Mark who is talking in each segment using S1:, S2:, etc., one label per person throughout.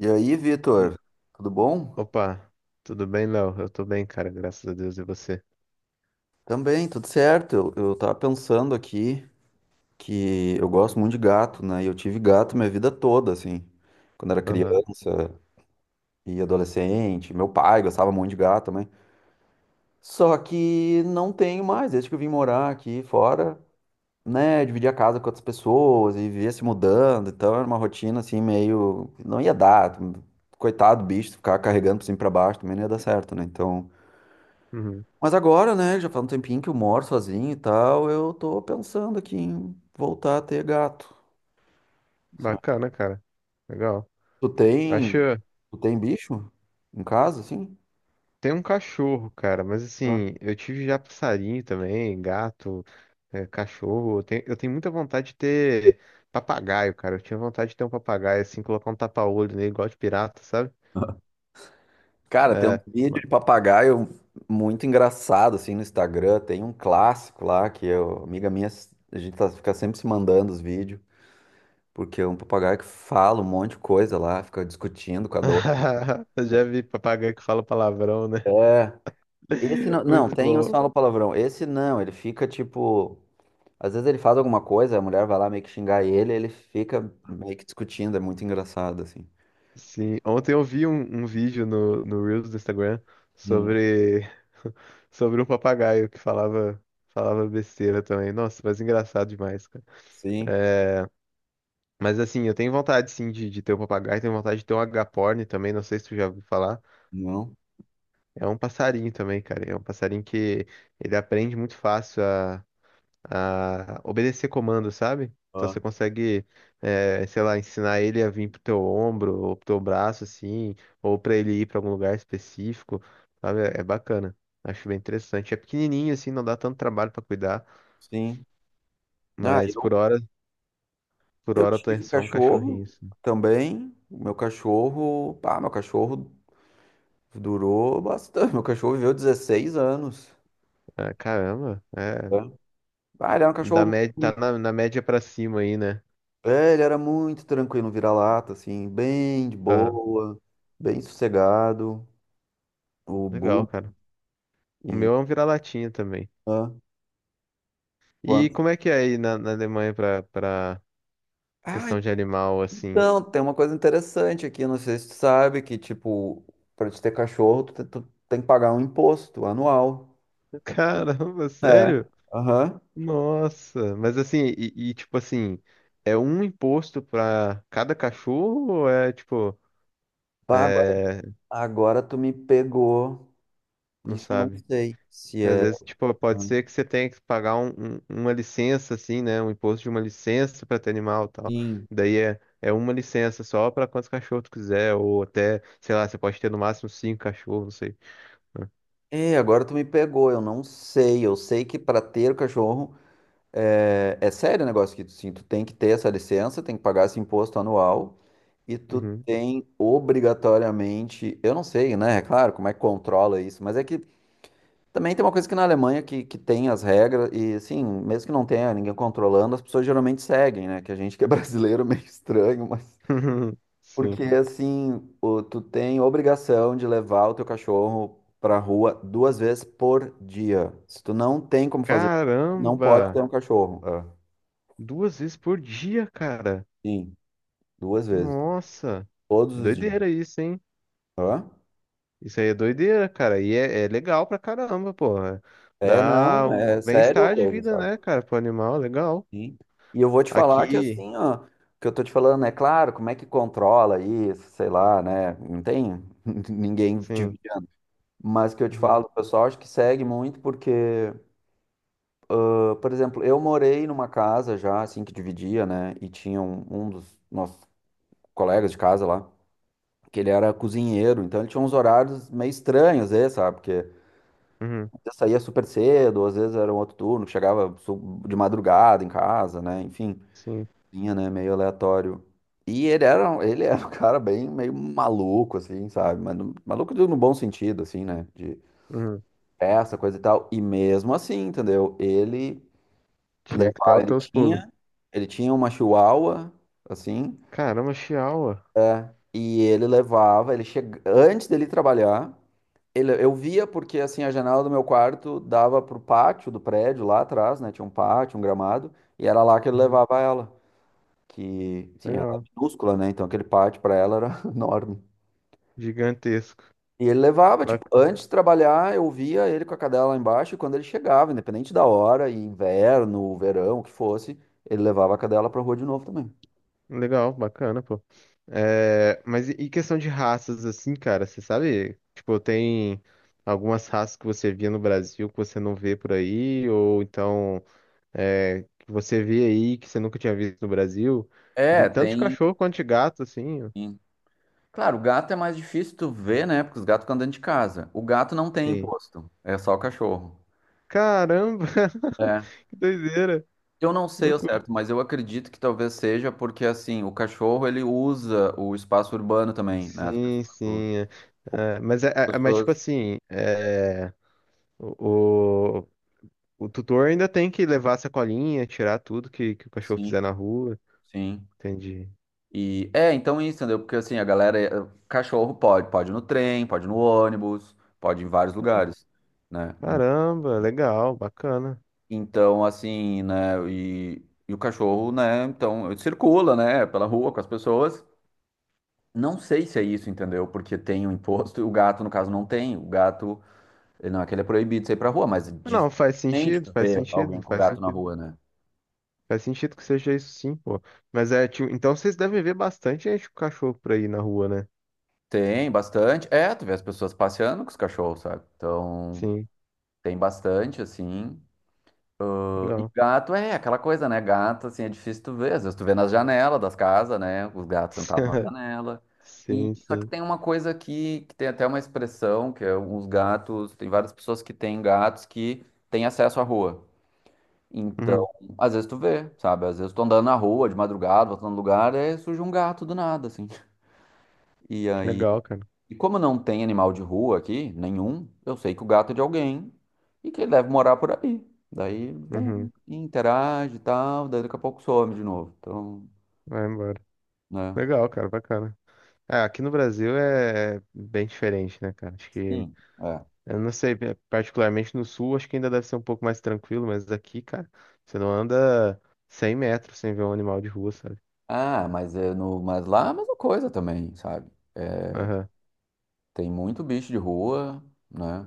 S1: E aí,
S2: E-
S1: Vitor, tudo bom?
S2: Opa, tudo bem, Léo? Eu tô bem, cara, graças a Deus. E você?
S1: Também, tudo certo. Eu tava pensando aqui que eu gosto muito de gato, né? E eu tive gato minha vida toda, assim. Quando era
S2: Aham.
S1: criança e adolescente. Meu pai gostava muito de gato também. Só que não tenho mais, desde que eu vim morar aqui fora, né? Dividir a casa com outras pessoas e vivia se mudando. Então era uma rotina, assim, meio. Não ia dar. Coitado do bicho, ficar carregando pra cima e pra baixo também não ia dar certo, né? Então.
S2: Uhum.
S1: Mas agora, né, já faz um tempinho que eu moro sozinho e tal, eu tô pensando aqui em voltar a ter gato. Sabe?
S2: Bacana, cara. Legal.
S1: Tu tem,
S2: Acho.
S1: tu tem bicho em casa, assim?
S2: Tem um cachorro, cara, mas
S1: Ah.
S2: assim, eu tive já passarinho também, gato, é, cachorro. Eu tenho muita vontade de ter papagaio, cara. Eu tinha vontade de ter um papagaio, assim, colocar um tapa-olho nele, igual de pirata, sabe?
S1: Cara, tem um
S2: É.
S1: vídeo de papagaio muito engraçado, assim, no Instagram. Tem um clássico lá que eu, amiga minha, a gente tá, fica sempre se mandando os vídeos, porque é um papagaio que fala um monte de coisa lá, fica discutindo com a dor.
S2: Eu já vi papagaio que fala palavrão, né?
S1: É, esse não, não,
S2: Muito
S1: tem uns que
S2: bom.
S1: falam palavrão. Esse não, ele fica tipo. Às vezes ele faz alguma coisa, a mulher vai lá meio que xingar ele, ele fica meio que discutindo, é muito engraçado, assim.
S2: Sim, ontem eu vi um vídeo no, no Reels do Instagram
S1: Hum.
S2: sobre, sobre um papagaio que falava, falava besteira também. Nossa, mas engraçado demais, cara.
S1: Sim,
S2: É, mas assim, eu tenho vontade sim de ter um papagaio, tenho vontade de ter um agaporni também, não sei se tu já ouviu falar.
S1: não,
S2: É um passarinho também, cara. É um passarinho que ele aprende muito fácil a obedecer comando, sabe? Então
S1: ah,
S2: você consegue, sei lá, ensinar ele a vir pro teu ombro ou pro teu braço, assim, ou pra ele ir pra algum lugar específico, sabe? É, é bacana. Acho bem interessante. É pequenininho, assim, não dá tanto trabalho pra cuidar,
S1: sim. Ah,
S2: mas
S1: eu,
S2: por
S1: eu
S2: hora eu tô em
S1: tive
S2: só um cachorrinho,
S1: cachorro
S2: assim.
S1: também. O meu cachorro, pá, meu cachorro durou bastante. Meu cachorro viveu 16 anos.
S2: Ah, caramba,
S1: É?
S2: é,
S1: Ah, ele era um
S2: da
S1: cachorro.
S2: média, tá na, na média pra cima aí, né?
S1: É, ele era muito tranquilo, um vira-lata, assim, bem de
S2: Aham.
S1: boa, bem sossegado. O
S2: Legal,
S1: Bu
S2: cara. O
S1: e.
S2: meu é um vira-latinha também.
S1: Ah,
S2: E
S1: quando...
S2: como é que é aí na, na Alemanha pra, pra
S1: ah,
S2: questão de animal, assim?
S1: Então, tem uma coisa interessante aqui, não sei se tu sabe, que tipo, pra te ter cachorro, tu, tu tem que pagar um imposto anual.
S2: Caramba,
S1: É.
S2: sério?
S1: Aham.
S2: Nossa, mas assim, e, tipo assim, é um imposto pra cada cachorro ou é tipo,
S1: Bah, agora,
S2: é,
S1: agora tu me pegou.
S2: não
S1: Isso eu não
S2: sabe?
S1: sei se
S2: Às
S1: é.
S2: vezes, tipo, pode ser que você tenha que pagar uma licença, assim, né? Um imposto de uma licença pra ter animal e tal.
S1: Sim.
S2: Daí é, é uma licença só pra quantos cachorros tu quiser, ou até, sei lá, você pode ter no máximo cinco cachorros, não sei.
S1: É, agora tu me pegou, eu não sei. Eu sei que para ter o cachorro é, é sério o negócio que tu, sim, tu tem que ter essa licença, tem que pagar esse imposto anual e tu
S2: Uhum.
S1: tem obrigatoriamente, eu não sei, né? É claro, como é que controla isso, mas é que também tem uma coisa que na Alemanha que tem as regras, e assim, mesmo que não tenha ninguém controlando, as pessoas geralmente seguem, né? Que a gente que é brasileiro é meio estranho, mas.
S2: Sim.
S1: Porque assim, o- tu tem obrigação de levar o teu cachorro pra rua 2 vezes por dia. Se tu não tem como fazer, tu não pode ter
S2: Caramba!
S1: um cachorro. Ah,
S2: Duas vezes por dia, cara.
S1: sim, duas vezes.
S2: Nossa,
S1: Todos os dias.
S2: doideira isso, hein?
S1: Hã?
S2: Isso aí é doideira, cara. E é, é legal pra caramba, pô. É.
S1: É,
S2: Dá
S1: não,
S2: um
S1: é sério a
S2: bem-estar de
S1: coisa,
S2: vida,
S1: sabe?
S2: né, cara, pro animal, legal.
S1: Sim. E eu vou te falar que
S2: Aqui,
S1: assim, ó, o que eu tô te falando é claro, como é que controla isso, sei lá, né? Não tem ninguém te
S2: sim.
S1: vigiando. Mas que eu te
S2: Uhum,
S1: falo, o pessoal acho que segue muito porque, ah, por exemplo, eu morei numa casa já, assim, que dividia, né? E tinha um dos nossos colegas de casa lá, que ele era cozinheiro, então ele tinha uns horários meio estranhos, às vezes, sabe? Porque às
S2: uhum,
S1: vezes saía super cedo, ou às vezes era um outro turno, que chegava de madrugada em casa, né? Enfim.
S2: sim.
S1: Tinha, né? Meio aleatório. E ele era, ele era um cara bem meio maluco, assim, sabe? Mas maluco no bom sentido, assim, né? De
S2: Uhum.
S1: festa, coisa e tal. E mesmo assim, entendeu? Ele
S2: Tinha que dar
S1: levava,
S2: os teus pulos.
S1: ele tinha uma chihuahua, assim,
S2: Caramba, Chihuahua.
S1: é, e ele levava, ele chega, antes dele trabalhar, ele, eu via porque, assim, a janela do meu quarto dava pro pátio do prédio lá atrás, né? Tinha um pátio, um gramado, e era lá que ele
S2: Uhum,
S1: levava ela. Que, sim, ela é
S2: legal.
S1: minúscula, né? Então aquele pátio para ela era enorme.
S2: Gigantesco.
S1: E ele levava, tipo, antes de trabalhar, eu via ele com a cadela lá embaixo, e quando ele chegava, independente da hora, e inverno, verão, o que fosse, ele levava a cadela pra rua de novo também.
S2: Legal, bacana, pô. É, mas e questão de raças, assim, cara, você sabe? Tipo, tem algumas raças que você via no Brasil que você não vê por aí, ou então é, que você vê aí que você nunca tinha visto no Brasil, de-
S1: É,
S2: tanto de
S1: tem.
S2: cachorro quanto de gato, assim.
S1: Claro, o gato é mais difícil tu ver, né? Porque os gatos ficam dentro de casa. O gato não tem
S2: Sim.
S1: imposto, é só o cachorro.
S2: Caramba,
S1: É.
S2: que doideira,
S1: Eu não sei ao
S2: loucura.
S1: certo, mas eu acredito que talvez seja porque, assim, o cachorro ele usa o espaço urbano também, né? As
S2: Sim,
S1: pessoas,
S2: sim. É. É, mas, é,
S1: as
S2: é- mas, tipo
S1: pessoas.
S2: assim, é, o, o- O tutor ainda tem que levar a sacolinha, tirar tudo que o cachorro
S1: Sim,
S2: fizer na rua.
S1: sim.
S2: Entendi.
S1: E é, então isso, entendeu? Porque assim, a galera, cachorro pode, pode ir no trem, pode ir no ônibus, pode ir em vários lugares, né?
S2: Caramba, legal, bacana.
S1: Então, assim, né, e o cachorro, né, então, ele circula, né, pela rua com as pessoas. Não sei se é isso, entendeu? Porque tem o imposto e o gato, no caso, não tem. O gato, ele não é que ele é proibido de sair pra rua, mas é
S2: Não, faz
S1: dificilmente
S2: sentido,
S1: tu
S2: faz
S1: vê alguém
S2: sentido,
S1: com
S2: faz
S1: gato na
S2: sentido.
S1: rua, né?
S2: Faz sentido que seja isso sim, pô. Mas é, tipo, então vocês devem ver bastante gente com cachorro por aí na rua, né?
S1: Tem bastante. É, tu vê as pessoas passeando com os cachorros, sabe? Então.
S2: Sim,
S1: Tem bastante, assim. E
S2: legal.
S1: gato é aquela coisa, né? Gato, assim, é difícil tu ver. Às vezes tu vê nas janelas das casas, né? Os gatos sentados na janela. E
S2: Sim,
S1: só que
S2: sim.
S1: tem uma coisa aqui, que tem até uma expressão, que é os gatos, tem várias pessoas que têm gatos que têm acesso à rua. Então,
S2: Uhum.
S1: às vezes tu vê, sabe? Às vezes tu andando na rua de madrugada, voltando no lugar, aí surge um gato do nada, assim. E aí,
S2: Legal, cara.
S1: e como não tem animal de rua aqui, nenhum, eu sei que o gato é de alguém e que ele deve morar por aí. Daí
S2: Uhum.
S1: vem, interage e tal, daí daqui a pouco some de novo. Então,
S2: Vai embora.
S1: né?
S2: Legal, cara, bacana. É, aqui no Brasil é bem diferente, né, cara? Acho que
S1: Sim, é.
S2: eu não sei, pe- particularmente no sul, acho que ainda deve ser um pouco mais tranquilo, mas aqui, cara, você não anda 100 metros sem ver um animal de rua, sabe?
S1: Ah, mas, é no, mas lá é a mesma coisa também, sabe? É,
S2: Aham.
S1: tem muito bicho de rua, né?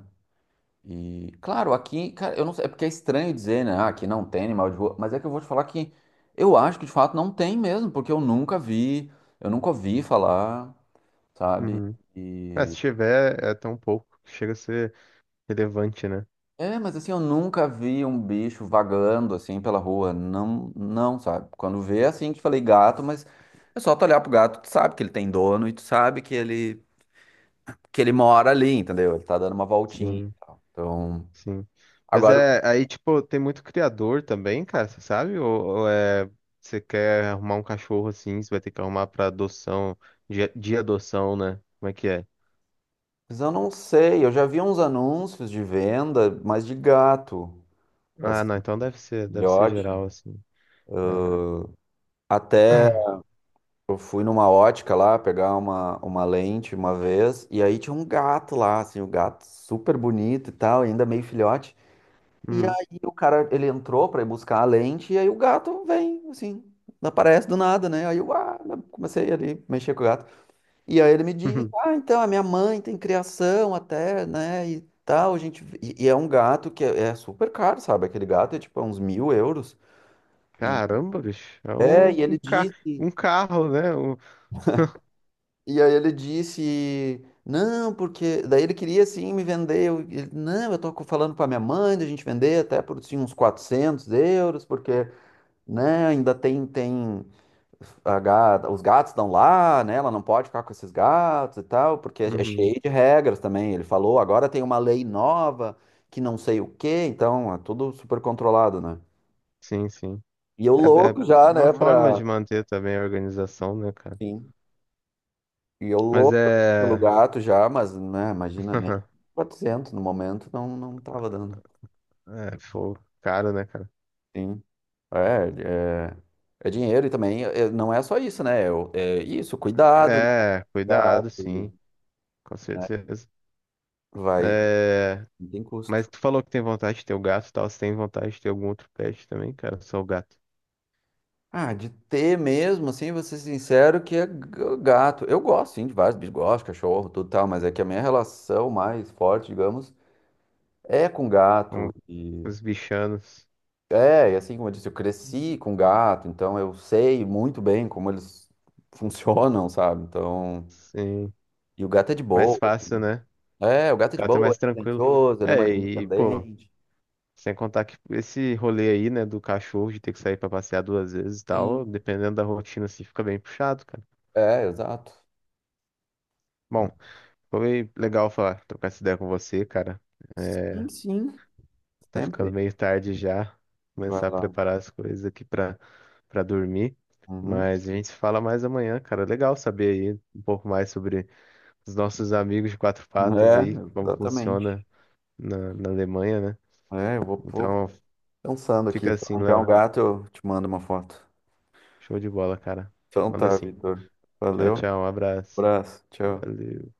S1: E, claro, aqui, cara, eu não sei, é porque é estranho dizer, né? Ah, aqui não tem animal de rua, mas é que eu vou te falar que eu acho que de fato não tem mesmo, porque eu nunca vi, eu nunca ouvi falar, sabe?
S2: Uhum. Ah, se tiver, é tão pouco, que chega a ser relevante, né?
S1: É, mas assim, eu nunca vi um bicho vagando assim pela rua. Não, não, sabe? Quando vê, assim, que falei gato, mas é só tu olhar pro gato, tu sabe que ele tem dono e tu sabe que ele mora ali, entendeu? Ele tá dando uma voltinha.
S2: Sim,
S1: Então,
S2: sim. Mas
S1: agora,
S2: é, aí, tipo, tem muito criador também, cara, você sabe? Ou é, você quer arrumar um cachorro assim, você vai ter que arrumar pra adoção, de adoção, né? Como é que é?
S1: mas eu não sei, eu já vi uns anúncios de venda, mas de gato,
S2: Ah, não,
S1: assim,
S2: então deve ser
S1: filhote.
S2: geral, assim. É.
S1: Até eu fui numa ótica lá pegar uma lente uma vez, e aí tinha um gato lá, assim, o gato super bonito e tal, ainda meio filhote. E
S2: Uhum.
S1: aí o cara, ele entrou pra ir buscar a lente, e aí o gato vem, assim, aparece do nada, né? Aí eu ah, comecei ali, mexer com o gato. E aí ele me disse, ah, então, a minha mãe tem criação até, né, e tal, a gente... E, e é um gato que é, é super caro, sabe? Aquele gato é tipo é uns €1.000. E,
S2: Caramba, bicho. É
S1: é,
S2: um,
S1: e
S2: um,
S1: ele
S2: ca
S1: disse...
S2: um carro, né? Um-
S1: E aí ele disse, não, porque... Daí ele queria, assim, me vender. Eu, ele, não, eu tô falando com a minha mãe, da gente vender até por, assim, uns €400, porque... Né? Ainda tem, tem os gatos estão lá, né? Ela não pode ficar com esses gatos e tal, porque é
S2: Uhum.
S1: cheio de regras também. Ele falou, agora tem uma lei nova que não sei o quê, então é tudo super controlado, né?
S2: Sim, sim.
S1: E eu
S2: É, é
S1: louco já,
S2: uma
S1: né,
S2: forma
S1: pra...
S2: de manter também a organização, né, cara?
S1: Sim. E eu
S2: Mas
S1: louco pelo
S2: é.
S1: gato já, mas, né, imagina, nem 400 no momento não, não tava dando.
S2: É, pô, caro, né, cara?
S1: Sim. É, é, é dinheiro e também é, não é só isso, né? Eu- é isso, cuidado, né?
S2: É, cuidado,
S1: Gato e
S2: sim, com certeza.
S1: vai.
S2: É,
S1: Não tem
S2: mas
S1: custo.
S2: tu falou que tem vontade de ter o gato e tal. Você tem vontade de ter algum outro pet também, cara? Só o gato.
S1: Ah, de ter mesmo, assim, vou ser sincero, que é gato. Eu gosto, sim, de vários bichos, gosto, de cachorro, tudo tal, mas é que a minha relação mais forte, digamos, é com gato.
S2: Com
S1: E
S2: os bichanos.
S1: é, e assim como eu disse, eu cresci com gato, então eu sei muito bem como eles funcionam, sabe? Então,
S2: Sim.
S1: e o gato é de
S2: Mais
S1: boa.
S2: fácil, né?
S1: É, o gato é
S2: O
S1: de
S2: gato é
S1: boa,
S2: mais
S1: ele é
S2: tranquilo.
S1: silencioso, ele é
S2: É,
S1: mais
S2: e, pô.
S1: independente.
S2: Sem contar que esse rolê aí, né, do cachorro de ter que sair pra passear duas vezes e tal,
S1: Sim.
S2: dependendo da rotina, assim, fica bem puxado, cara.
S1: É, exato.
S2: Bom, foi legal falar, trocar essa ideia com você, cara. É,
S1: Sim, sim,
S2: tá ficando
S1: sempre.
S2: meio tarde já,
S1: Vai
S2: começar a
S1: lá.
S2: preparar as coisas aqui pra, pra dormir.
S1: Uhum.
S2: Mas a gente se fala mais amanhã, cara. Legal saber aí um pouco mais sobre os nossos amigos de quatro patas
S1: É,
S2: aí, como funciona
S1: exatamente.
S2: na, na Alemanha, né?
S1: É, eu vou, vou
S2: Então,
S1: pensando aqui.
S2: fica
S1: Se eu
S2: assim,
S1: arranjar um
S2: Léo.
S1: gato, eu te mando uma foto.
S2: Show de bola, cara.
S1: Então
S2: Manda
S1: tá,
S2: assim.
S1: Vitor.
S2: Tchau,
S1: Valeu.
S2: tchau. Um abraço.
S1: Abraço. Tchau.
S2: Valeu.